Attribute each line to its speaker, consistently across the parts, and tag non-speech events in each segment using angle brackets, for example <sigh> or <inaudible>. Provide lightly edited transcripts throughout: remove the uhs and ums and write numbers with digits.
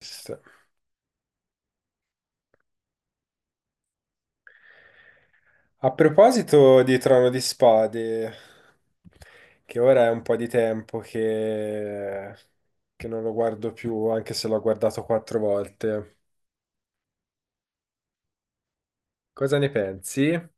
Speaker 1: Sì. A proposito di Trono di Spade, che ora è un po' di tempo che non lo guardo più, anche se l'ho guardato quattro volte, cosa ne pensi?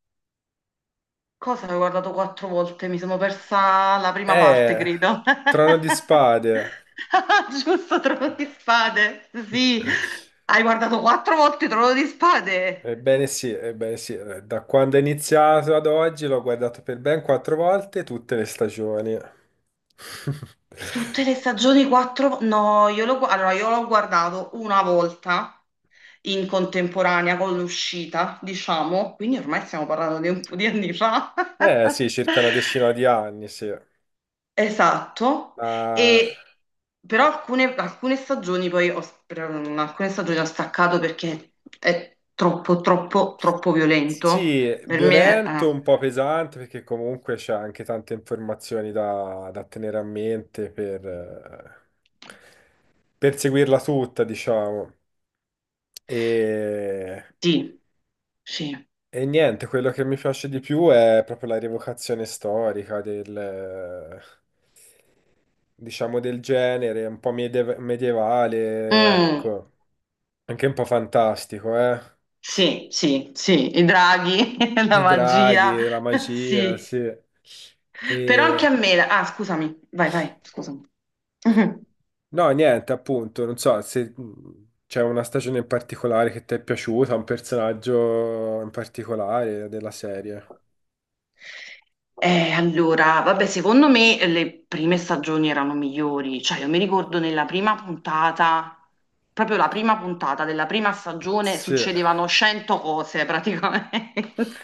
Speaker 2: Cosa avevo guardato quattro volte? Mi sono persa la prima parte,
Speaker 1: Eh,
Speaker 2: credo.
Speaker 1: Trono di Spade.
Speaker 2: <laughs> Giusto, Trono di Spade. Sì,
Speaker 1: <laughs>
Speaker 2: hai guardato quattro volte Trono di Spade.
Speaker 1: Ebbene sì, da quando è iniziato ad oggi l'ho guardato per ben quattro volte tutte le stagioni. <laughs>
Speaker 2: Tutte le stagioni quattro. No, allora, io l'ho guardato una volta in contemporanea con l'uscita, diciamo, quindi ormai stiamo parlando di un po' di anni fa.
Speaker 1: Eh sì,
Speaker 2: <laughs>
Speaker 1: circa una decina di anni, sì.
Speaker 2: Esatto,
Speaker 1: Ma
Speaker 2: e, però alcune stagioni poi alcune stagioni ho staccato perché è troppo, troppo, troppo violento.
Speaker 1: sì,
Speaker 2: Per me,
Speaker 1: violento, un po' pesante perché comunque c'è anche tante informazioni da tenere a mente per seguirla tutta, diciamo. E,
Speaker 2: sì, sì.
Speaker 1: e niente, quello che mi piace di più è proprio la rievocazione storica del, diciamo, del genere, un po' medievale,
Speaker 2: Mm,
Speaker 1: ecco, anche un po' fantastico, eh.
Speaker 2: sì, sì, sì, i draghi, <laughs> la
Speaker 1: I
Speaker 2: magia,
Speaker 1: draghi, la magia,
Speaker 2: sì.
Speaker 1: sì.
Speaker 2: Però anche
Speaker 1: E...
Speaker 2: a me, ah, scusami, vai, vai, scusami. <laughs>
Speaker 1: No, niente, appunto, non so se c'è una stagione in particolare che ti è piaciuta, un personaggio in particolare della serie.
Speaker 2: Allora, vabbè, secondo me le prime stagioni erano migliori, cioè io mi ricordo nella prima puntata, proprio la prima puntata della prima stagione
Speaker 1: Sì.
Speaker 2: succedevano 100 cose praticamente. <laughs>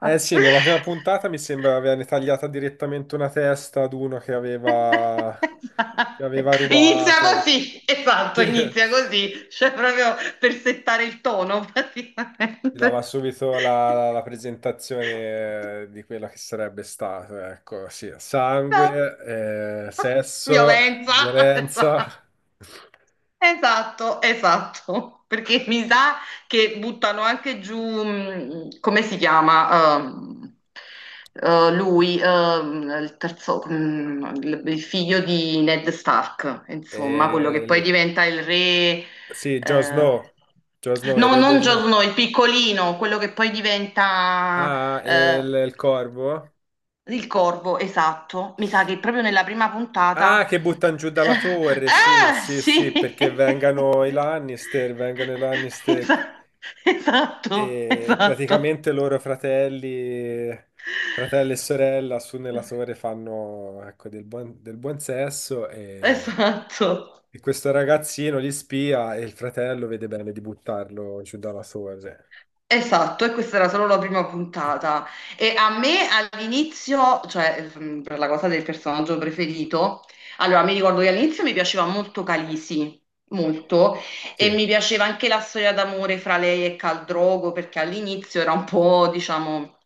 Speaker 1: Eh sì, nella prima puntata mi sembra avevano tagliata direttamente una testa ad uno che aveva
Speaker 2: Inizia
Speaker 1: rubato.
Speaker 2: così,
Speaker 1: <laughs>
Speaker 2: esatto,
Speaker 1: Sì.
Speaker 2: inizia così, cioè proprio per settare il tono
Speaker 1: Ti dava
Speaker 2: praticamente.
Speaker 1: subito
Speaker 2: <laughs>
Speaker 1: la presentazione di quello che sarebbe stato, ecco, sì,
Speaker 2: No.
Speaker 1: sangue, sesso,
Speaker 2: Violenza, <laughs>
Speaker 1: violenza.
Speaker 2: esatto,
Speaker 1: <laughs>
Speaker 2: esatto, esatto. Perché mi sa che buttano anche giù, come si chiama, lui, il terzo, il figlio di Ned Stark, insomma, quello
Speaker 1: e
Speaker 2: che poi
Speaker 1: il-
Speaker 2: diventa il re,
Speaker 1: sì, Jon
Speaker 2: eh,
Speaker 1: Snow, Jon Snow, il
Speaker 2: no,
Speaker 1: re
Speaker 2: non
Speaker 1: del no.
Speaker 2: Jon Snow, il piccolino, quello che poi diventa,
Speaker 1: Ah,
Speaker 2: eh,
Speaker 1: il corvo?
Speaker 2: il corvo, esatto. Mi sa che proprio nella prima puntata.
Speaker 1: Ah,
Speaker 2: <laughs>
Speaker 1: che buttano giù dalla torre, sì,
Speaker 2: Ah,
Speaker 1: sì, sì,
Speaker 2: sì!
Speaker 1: perché vengano i
Speaker 2: <laughs>
Speaker 1: Lannister, vengano i Lannister.
Speaker 2: Esa- Esatto,
Speaker 1: E
Speaker 2: esatto,
Speaker 1: praticamente fratelli e sorella su nella torre fanno ecco, del buon sesso
Speaker 2: esatto.
Speaker 1: e questo ragazzino li spia e il fratello vede bene di buttarlo giù dalla torre.
Speaker 2: Esatto, e questa era solo la prima puntata. E a me all'inizio, cioè per la cosa del personaggio preferito, allora mi ricordo che all'inizio mi piaceva molto Calisi, molto,
Speaker 1: Sì,
Speaker 2: e mi piaceva anche la storia d'amore fra lei e Caldrogo, perché all'inizio era un po', diciamo,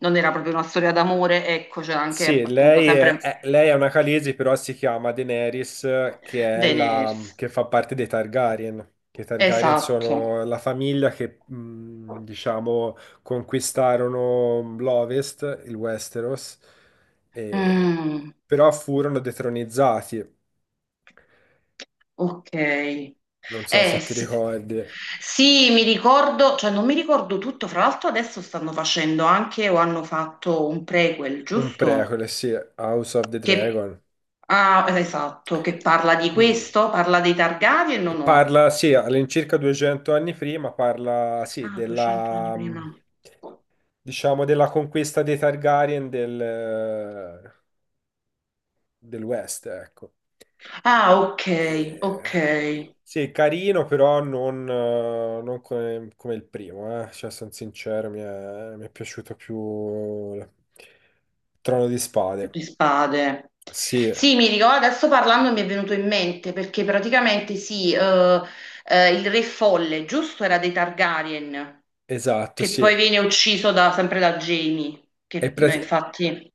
Speaker 2: non era proprio una storia d'amore, ecco, c'era anche
Speaker 1: sì,
Speaker 2: appunto sempre
Speaker 1: lei è una Khaleesi, però si chiama Daenerys,
Speaker 2: Daenerys.
Speaker 1: che fa parte dei Targaryen. Che i Targaryen
Speaker 2: Esatto.
Speaker 1: sono la famiglia che, diciamo, conquistarono l'Ovest, il Westeros, e-
Speaker 2: Mm.
Speaker 1: però furono detronizzati.
Speaker 2: Ok. Eh
Speaker 1: Non so se ti
Speaker 2: sì.
Speaker 1: ricordi.
Speaker 2: Sì, mi ricordo, cioè non mi ricordo tutto, fra l'altro adesso stanno facendo anche o hanno fatto un prequel,
Speaker 1: Un
Speaker 2: giusto?
Speaker 1: prequel, sì, House of the
Speaker 2: Che,
Speaker 1: Dragon.
Speaker 2: ah, esatto, che parla di
Speaker 1: Mm.
Speaker 2: questo, parla dei Targaryen o no?
Speaker 1: Parla, sì, all'incirca 200 anni prima, parla, sì,
Speaker 2: Ah, 200 anni
Speaker 1: della,
Speaker 2: prima.
Speaker 1: diciamo, della conquista dei Targaryen del West, ecco.
Speaker 2: Ah, ok, ok,
Speaker 1: E- Sì, carino, però non, non come, come il primo, eh. Cioè, sono sincero, mi è piaciuto più il Trono di Spade.
Speaker 2: di spade.
Speaker 1: Sì,
Speaker 2: Sì, mi ricordo, adesso parlando mi è venuto in mente perché praticamente sì, il re folle, giusto, era dei Targaryen.
Speaker 1: esatto,
Speaker 2: Che
Speaker 1: sì.
Speaker 2: poi viene ucciso sempre da Jamie,
Speaker 1: È,
Speaker 2: che
Speaker 1: pra-
Speaker 2: infatti.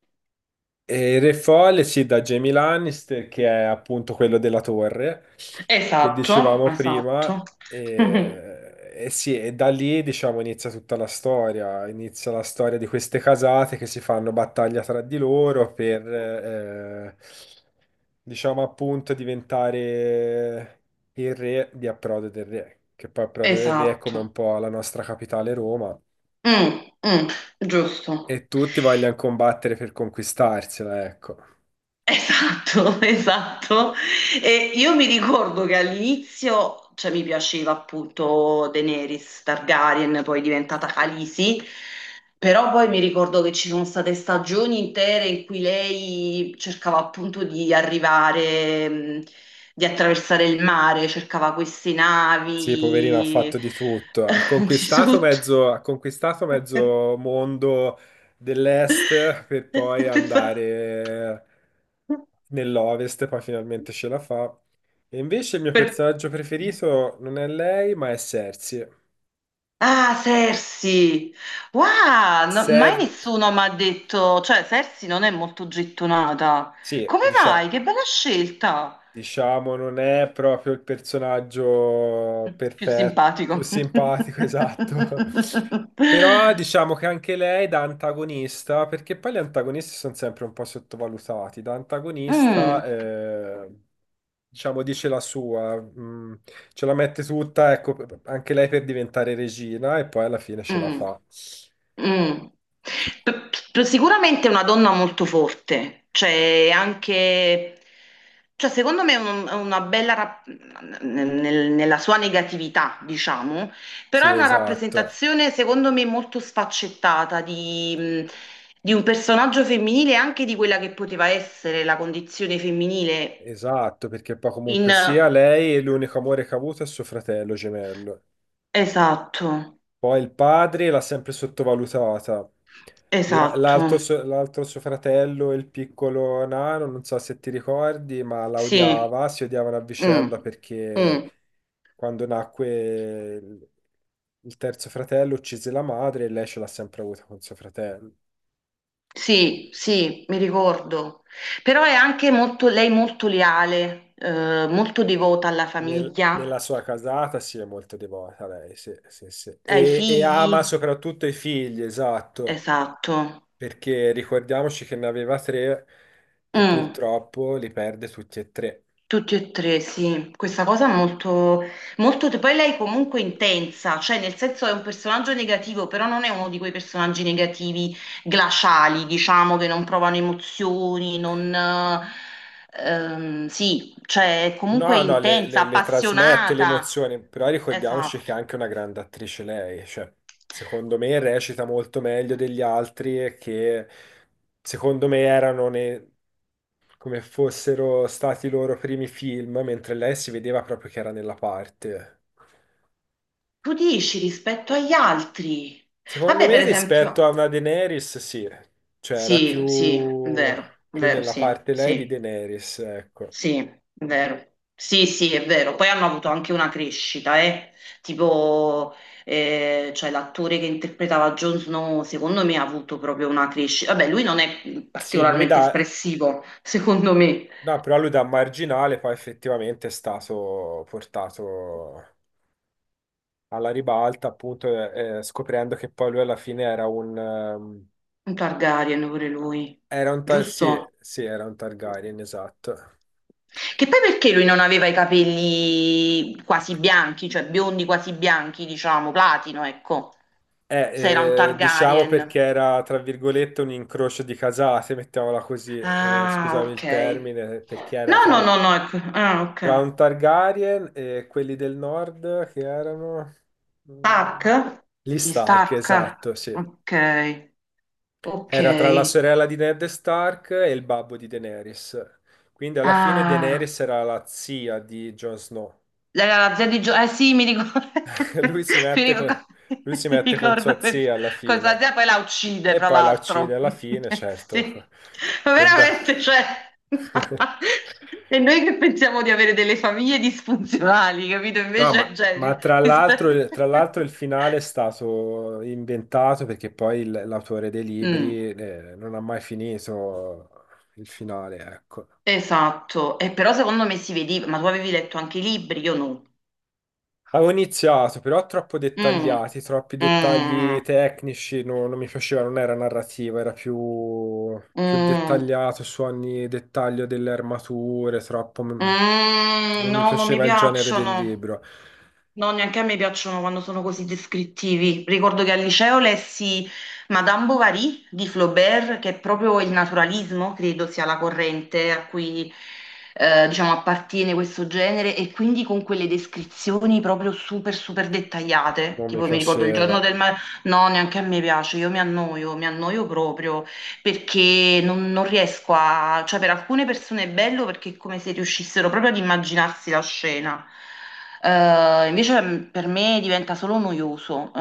Speaker 1: E il Re Folle, sì, da Jamie Lannister, che è appunto quello della torre, che
Speaker 2: Esatto,
Speaker 1: dicevamo prima,
Speaker 2: esatto. <laughs>
Speaker 1: e sì, e da lì, diciamo, inizia tutta la storia, inizia la storia di queste casate che si fanno battaglia tra di loro per, diciamo, appunto, diventare il re di Approdo del Re, che poi Approdo del Re è come un
Speaker 2: Esatto.
Speaker 1: po' la nostra capitale Roma,
Speaker 2: Mm, mm, giusto.
Speaker 1: e tutti vogliono combattere per conquistarsela, ecco.
Speaker 2: Esatto, <laughs> esatto. E io mi ricordo che all'inizio, cioè, mi piaceva appunto Daenerys Targaryen, poi diventata Khaleesi, però poi mi ricordo che ci sono state stagioni intere in cui lei cercava appunto di arrivare, di attraversare il mare, cercava queste
Speaker 1: Sì, poverino, ha
Speaker 2: navi,
Speaker 1: fatto di tutto.
Speaker 2: <laughs> di tutto.
Speaker 1: Ha conquistato
Speaker 2: <laughs>
Speaker 1: mezzo mondo dell'est per poi
Speaker 2: Esatto.
Speaker 1: andare nell'ovest, poi finalmente ce la fa. E invece il mio
Speaker 2: Per-
Speaker 1: personaggio preferito non è lei, ma è Cersei.
Speaker 2: Ah, Sersi! Wow, mai
Speaker 1: Cer-
Speaker 2: nessuno mi ha detto, cioè Sersi non è molto gettonata.
Speaker 1: sì,
Speaker 2: Come mai?
Speaker 1: diciamo,
Speaker 2: Che bella scelta!
Speaker 1: Diciamo, non è proprio il personaggio
Speaker 2: Più
Speaker 1: perfetto, più
Speaker 2: simpatico. <laughs>
Speaker 1: simpatico, <laughs> esatto. Però diciamo che anche lei da antagonista, perché poi gli antagonisti sono sempre un po' sottovalutati, da
Speaker 2: Mm,
Speaker 1: antagonista, diciamo, dice la sua, ce la mette tutta, ecco, anche lei per diventare regina e poi alla fine ce la
Speaker 2: mm.
Speaker 1: fa.
Speaker 2: Mm. Sicuramente è una donna molto forte, cioè anche, cioè secondo me è una bella, nella sua negatività, diciamo, però
Speaker 1: Sì,
Speaker 2: è una
Speaker 1: esatto.
Speaker 2: rappresentazione secondo me molto sfaccettata di un personaggio femminile e anche di quella che poteva essere la condizione femminile
Speaker 1: Esatto, perché poi comunque
Speaker 2: in.
Speaker 1: sia lei l'unico amore che ha avuto è suo fratello gemello.
Speaker 2: Esatto,
Speaker 1: Poi il padre l'ha sempre sottovalutata.
Speaker 2: esatto,
Speaker 1: L'altro suo fratello, il piccolo nano, non so se ti ricordi, ma la
Speaker 2: sì.
Speaker 1: odiava, si odiavano a
Speaker 2: Mm,
Speaker 1: vicenda perché
Speaker 2: mm.
Speaker 1: quando nacque il, il terzo fratello uccise la madre e lei ce l'ha sempre avuta con suo fratello.
Speaker 2: Sì, sì, mi ricordo. Però è anche molto, lei molto leale, molto devota alla famiglia,
Speaker 1: Nella sua casata si è molto devota lei, sì, sì, sì.
Speaker 2: ai
Speaker 1: E
Speaker 2: figli.
Speaker 1: ama soprattutto i figli, esatto.
Speaker 2: Esatto.
Speaker 1: Perché ricordiamoci che ne aveva tre e
Speaker 2: Mm.
Speaker 1: purtroppo li perde tutti e tre.
Speaker 2: Tutti e tre, sì, questa cosa è molto, molto. Poi lei comunque è intensa, cioè nel senso è un personaggio negativo, però non è uno di quei personaggi negativi glaciali, diciamo, che non provano emozioni, non, sì, cioè è comunque
Speaker 1: No, no,
Speaker 2: intensa,
Speaker 1: le trasmette le
Speaker 2: appassionata.
Speaker 1: emozioni, però ricordiamoci
Speaker 2: Esatto.
Speaker 1: che è anche una grande attrice lei, cioè, secondo me recita molto meglio degli altri e che secondo me come fossero stati i loro primi film, mentre lei si vedeva proprio che era nella parte.
Speaker 2: Tu dici rispetto agli altri.
Speaker 1: Secondo
Speaker 2: Vabbè,
Speaker 1: me
Speaker 2: per esempio.
Speaker 1: rispetto a una Daenerys, sì, cioè era
Speaker 2: Sì, sì,
Speaker 1: più,
Speaker 2: vero,
Speaker 1: più
Speaker 2: vero,
Speaker 1: nella
Speaker 2: sì,
Speaker 1: parte lei di
Speaker 2: sì.
Speaker 1: Daenerys, ecco.
Speaker 2: Sì, è vero. Sì, sì, è vero. Poi hanno avuto anche una crescita, eh. Tipo, cioè l'attore che interpretava Jon Snow, secondo me ha avuto proprio una crescita. Vabbè, lui non è
Speaker 1: Sì, lui
Speaker 2: particolarmente
Speaker 1: da,
Speaker 2: espressivo, <laughs> secondo me.
Speaker 1: no, però lui da marginale poi effettivamente è stato portato alla ribalta, appunto, scoprendo che poi lui alla fine era un,
Speaker 2: Un Targaryen pure lui,
Speaker 1: sì,
Speaker 2: giusto?
Speaker 1: sì, era un Targaryen, esatto.
Speaker 2: Che poi perché lui non aveva i capelli quasi bianchi, cioè biondi quasi bianchi, diciamo, platino, ecco. Se era un
Speaker 1: Diciamo perché
Speaker 2: Targaryen.
Speaker 1: era, tra virgolette, un incrocio di casate, <laughs> mettiamola così,
Speaker 2: Ah,
Speaker 1: scusami
Speaker 2: ok.
Speaker 1: il termine,
Speaker 2: No, no, no, no. Ecco. Ah, ok.
Speaker 1: tra un Targaryen e quelli del nord che erano...
Speaker 2: Stark?
Speaker 1: mm, Gli
Speaker 2: Gli
Speaker 1: Stark,
Speaker 2: Stark.
Speaker 1: esatto, sì.
Speaker 2: Ok, ok.
Speaker 1: Era tra la sorella di Ned Stark e il babbo di Daenerys. Quindi alla fine
Speaker 2: Ah,
Speaker 1: Daenerys era la zia di Jon Snow.
Speaker 2: era la zia di Gio. Eh sì, mi ricordo.
Speaker 1: <laughs> Lui
Speaker 2: <laughs>
Speaker 1: si
Speaker 2: Mi
Speaker 1: mette con,
Speaker 2: ricordo,
Speaker 1: lui si
Speaker 2: <laughs> mi
Speaker 1: mette con
Speaker 2: ricordo
Speaker 1: sua zia alla
Speaker 2: questa
Speaker 1: fine.
Speaker 2: zia poi la uccide,
Speaker 1: E
Speaker 2: fra
Speaker 1: poi la uccide
Speaker 2: l'altro.
Speaker 1: alla fine,
Speaker 2: <laughs>
Speaker 1: certo.
Speaker 2: Sì, ma
Speaker 1: Per da-
Speaker 2: veramente, cioè. <laughs>
Speaker 1: <laughs>
Speaker 2: E noi che pensiamo di avere delle famiglie disfunzionali, capito?
Speaker 1: No,
Speaker 2: Invece, cioè,
Speaker 1: ma tra l'altro
Speaker 2: <laughs>
Speaker 1: il finale è stato inventato perché poi l'autore dei
Speaker 2: Mm.
Speaker 1: libri non ha mai finito il finale, ecco.
Speaker 2: Esatto, e però secondo me si vedeva, ma tu avevi letto anche i libri, io no.
Speaker 1: Avevo iniziato, però troppo
Speaker 2: Mm,
Speaker 1: dettagliati, troppi dettagli
Speaker 2: mm,
Speaker 1: tecnici, non mi piaceva, non era narrativa, era più,
Speaker 2: mm,
Speaker 1: più
Speaker 2: mm.
Speaker 1: dettagliato su ogni dettaglio delle armature, troppo... m-
Speaker 2: Mm.
Speaker 1: Non mi
Speaker 2: No, non mi
Speaker 1: piaceva il genere del
Speaker 2: piacciono.
Speaker 1: libro,
Speaker 2: No, neanche a me piacciono quando sono così descrittivi. Ricordo che al liceo lessi Madame Bovary di Flaubert, che è proprio il naturalismo, credo sia la corrente a cui diciamo, appartiene questo genere, e quindi con quelle descrizioni proprio super, super dettagliate.
Speaker 1: non mi
Speaker 2: Tipo, mi ricordo il
Speaker 1: piaceva.
Speaker 2: giorno del mare. No, neanche a me piace, io mi annoio proprio perché non riesco a, cioè per alcune persone è bello perché è come se riuscissero proprio ad immaginarsi la scena. Invece per me diventa solo noioso,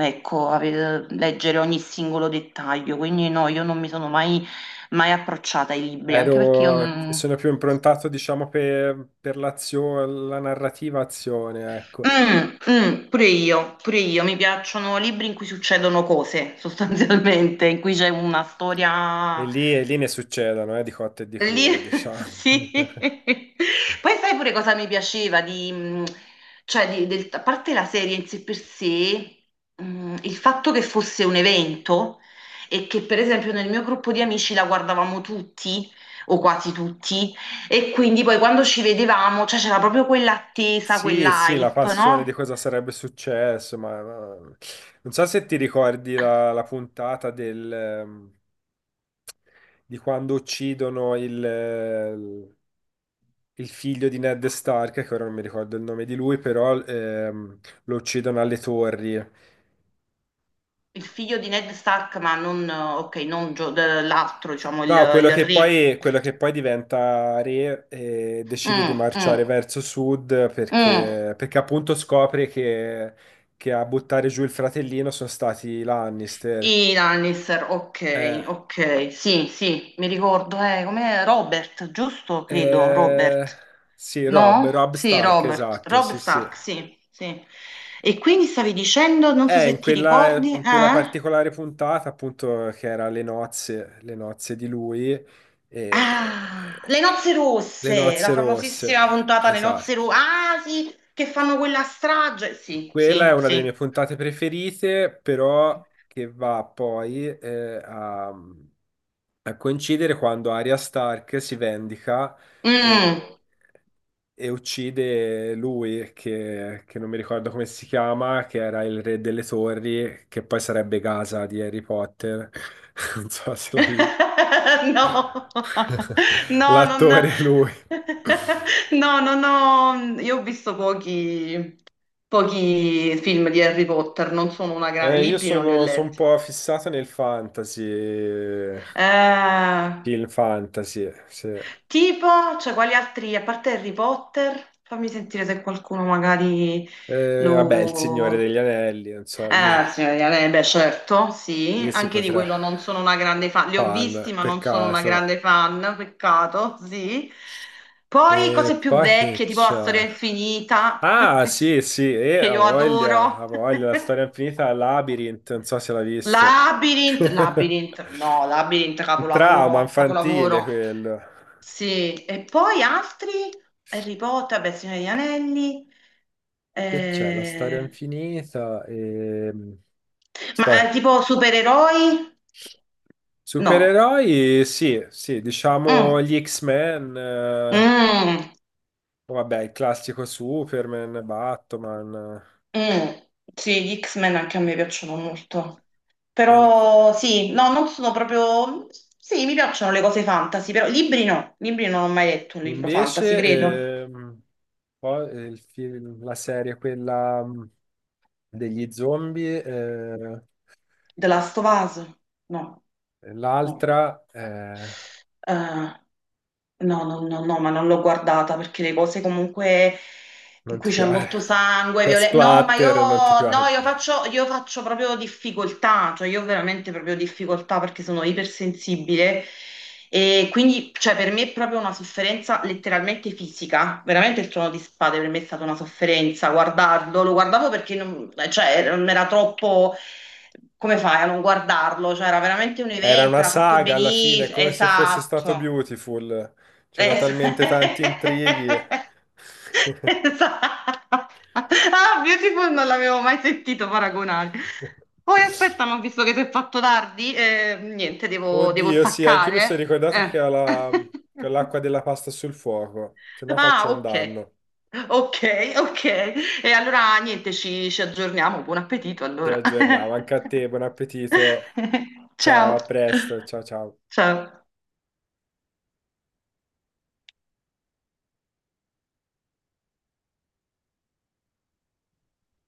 Speaker 2: ecco, leggere ogni singolo dettaglio, quindi no, io non mi sono mai, mai approcciata ai libri, anche perché io non.
Speaker 1: Sono più improntato, diciamo, per l'azione, la narrativa azione, ecco.
Speaker 2: Mm, mm, pure io, mi piacciono libri in cui succedono cose, <laughs> sostanzialmente, in cui c'è una storia.
Speaker 1: E lì ne succedono, di cotte e di
Speaker 2: Lì,
Speaker 1: crude,
Speaker 2: <laughs>
Speaker 1: diciamo.
Speaker 2: sì.
Speaker 1: <laughs>
Speaker 2: Poi sai pure cosa mi piaceva di, cioè di- del- a parte la serie in sé per sé, il fatto che fosse un evento e che per esempio nel mio gruppo di amici la guardavamo tutti o quasi tutti e quindi poi quando ci vedevamo, cioè c'era proprio quell'attesa,
Speaker 1: Sì, sì, la
Speaker 2: quell'hype,
Speaker 1: passione di
Speaker 2: no?
Speaker 1: cosa sarebbe successo, ma- non so se ti ricordi la puntata di quando uccidono il figlio di Ned Stark, che ora non mi ricordo il nome di lui, però lo uccidono alle torri.
Speaker 2: Il figlio di Ned Stark, ma non, ok, non l'altro, diciamo, il,
Speaker 1: No,
Speaker 2: il re.
Speaker 1: quello che poi diventa re e decide di
Speaker 2: Mm,
Speaker 1: marciare
Speaker 2: mm,
Speaker 1: verso sud
Speaker 2: mm.
Speaker 1: perché appunto scopre che a buttare giù il fratellino sono stati i Lannister.
Speaker 2: I Lannister,
Speaker 1: Eh,
Speaker 2: ok, ok, sì, sì, mi ricordo, com'è Robert, giusto? Credo,
Speaker 1: Eh,
Speaker 2: Robert.
Speaker 1: sì,
Speaker 2: No?
Speaker 1: Rob
Speaker 2: Sì,
Speaker 1: Stark,
Speaker 2: Robert,
Speaker 1: esatto,
Speaker 2: Rob
Speaker 1: sì, sì.
Speaker 2: Stark, sì, sì. E quindi stavi dicendo, non so se ti ricordi,
Speaker 1: In quella
Speaker 2: eh?
Speaker 1: particolare puntata, appunto, che era le nozze di lui, eh,
Speaker 2: Ah, Le nozze
Speaker 1: le
Speaker 2: rosse, la
Speaker 1: nozze
Speaker 2: famosissima
Speaker 1: rosse,
Speaker 2: puntata Le
Speaker 1: esatto.
Speaker 2: nozze rosse, ah sì, che fanno quella strage, sì,
Speaker 1: Quella è
Speaker 2: sì,
Speaker 1: una delle
Speaker 2: sì.
Speaker 1: mie puntate preferite, però che va poi a coincidere quando Arya Stark si vendica
Speaker 2: Mm.
Speaker 1: e, e uccide lui, che non mi ricordo come si chiama, che era il re delle torri, che poi sarebbe Gaza di Harry Potter. <laughs> Non so se l'hai...
Speaker 2: <laughs> No,
Speaker 1: <laughs>
Speaker 2: no, non.
Speaker 1: L'attore è lui.
Speaker 2: No, non ho. Io ho visto pochi, pochi film di Harry Potter, non sono una grande. Libri non li ho
Speaker 1: Sono un
Speaker 2: letti.
Speaker 1: po' fissato nel fantasy,
Speaker 2: Eh,
Speaker 1: film fantasy, sì.
Speaker 2: tipo, cioè, quali altri, a parte Harry Potter, fammi sentire se qualcuno magari
Speaker 1: Vabbè, Il Signore
Speaker 2: lo.
Speaker 1: degli Anelli, non so, lì-
Speaker 2: Signora Diana, beh, certo, sì,
Speaker 1: Lì si
Speaker 2: anche di
Speaker 1: potrà.
Speaker 2: quello non sono una grande fan, li ho visti
Speaker 1: Fan,
Speaker 2: ma non sono una
Speaker 1: peccato.
Speaker 2: grande fan, peccato, sì. Poi cose
Speaker 1: E
Speaker 2: più
Speaker 1: poi che
Speaker 2: vecchie, tipo La storia
Speaker 1: c'è?
Speaker 2: infinita,
Speaker 1: Ah, sì, sì,
Speaker 2: <laughs> che io adoro.
Speaker 1: ha voglia, la storia infinita
Speaker 2: <laughs>
Speaker 1: Labyrinth, non so se l'ha visto.
Speaker 2: Labyrinth,
Speaker 1: <laughs>
Speaker 2: Labyrinth, no, Labyrinth,
Speaker 1: Un trauma
Speaker 2: capolavoro,
Speaker 1: infantile
Speaker 2: capolavoro.
Speaker 1: quello.
Speaker 2: Sì, e poi altri, Harry Potter, beh, Signore degli Anelli,
Speaker 1: Che c'è? La storia
Speaker 2: eh,
Speaker 1: infinita e... Sto...
Speaker 2: ma tipo supereroi? No.
Speaker 1: Supereroi, sì, sì, diciamo
Speaker 2: Mm.
Speaker 1: gli X-Men,
Speaker 2: Mm.
Speaker 1: vabbè, il classico Superman, Batman.
Speaker 2: Mm. Sì, gli X-Men anche a me piacciono molto.
Speaker 1: Eh.
Speaker 2: Però sì, no, non sono proprio. Sì, mi piacciono le cose fantasy, però libri no. Libri non ho mai letto un libro fantasy,
Speaker 1: Invece,
Speaker 2: credo.
Speaker 1: la serie, quella degli zombie,
Speaker 2: The Last of Us? No, no.
Speaker 1: l'altra,
Speaker 2: Eh, no, no, no, no, ma non l'ho guardata perché le cose comunque. In
Speaker 1: non
Speaker 2: cui
Speaker 1: ti
Speaker 2: c'è
Speaker 1: piace.
Speaker 2: molto sangue,
Speaker 1: <laughs>
Speaker 2: violenza. No, ma io,
Speaker 1: Splatter, non ti
Speaker 2: no,
Speaker 1: piace.
Speaker 2: io faccio proprio difficoltà, cioè io ho veramente proprio difficoltà perché sono ipersensibile e quindi, cioè, per me è proprio una sofferenza letteralmente fisica. Veramente il Trono di Spade per me è stata una sofferenza guardarlo, lo guardavo perché non, cioè, non era troppo come fai a non guardarlo? Cioè, era veramente un
Speaker 1: Era
Speaker 2: evento,
Speaker 1: una
Speaker 2: era fatto
Speaker 1: saga alla fine,
Speaker 2: benissimo,
Speaker 1: come se fosse stato
Speaker 2: esatto.
Speaker 1: Beautiful. C'era
Speaker 2: Es-
Speaker 1: talmente tanti intrighi.
Speaker 2: <laughs> Esatto. Ah, Beautiful non l'avevo mai sentito paragonare. Poi
Speaker 1: <laughs>
Speaker 2: aspetta, ma ho visto che si è fatto tardi, niente, devo
Speaker 1: Oddio, sì, anche io mi sono
Speaker 2: staccare.
Speaker 1: ricordato che
Speaker 2: Eh.
Speaker 1: ho la-
Speaker 2: <laughs>
Speaker 1: che ho l'acqua della pasta sul fuoco, se no
Speaker 2: Ah,
Speaker 1: faccio un
Speaker 2: ok.
Speaker 1: danno.
Speaker 2: Ok, ok. E allora niente, ci aggiorniamo. Buon appetito
Speaker 1: Ci
Speaker 2: allora.
Speaker 1: aggiorniamo, anche
Speaker 2: <laughs>
Speaker 1: a te, buon appetito. Ciao,
Speaker 2: Ciao.
Speaker 1: a presto, ciao ciao.
Speaker 2: Ciao.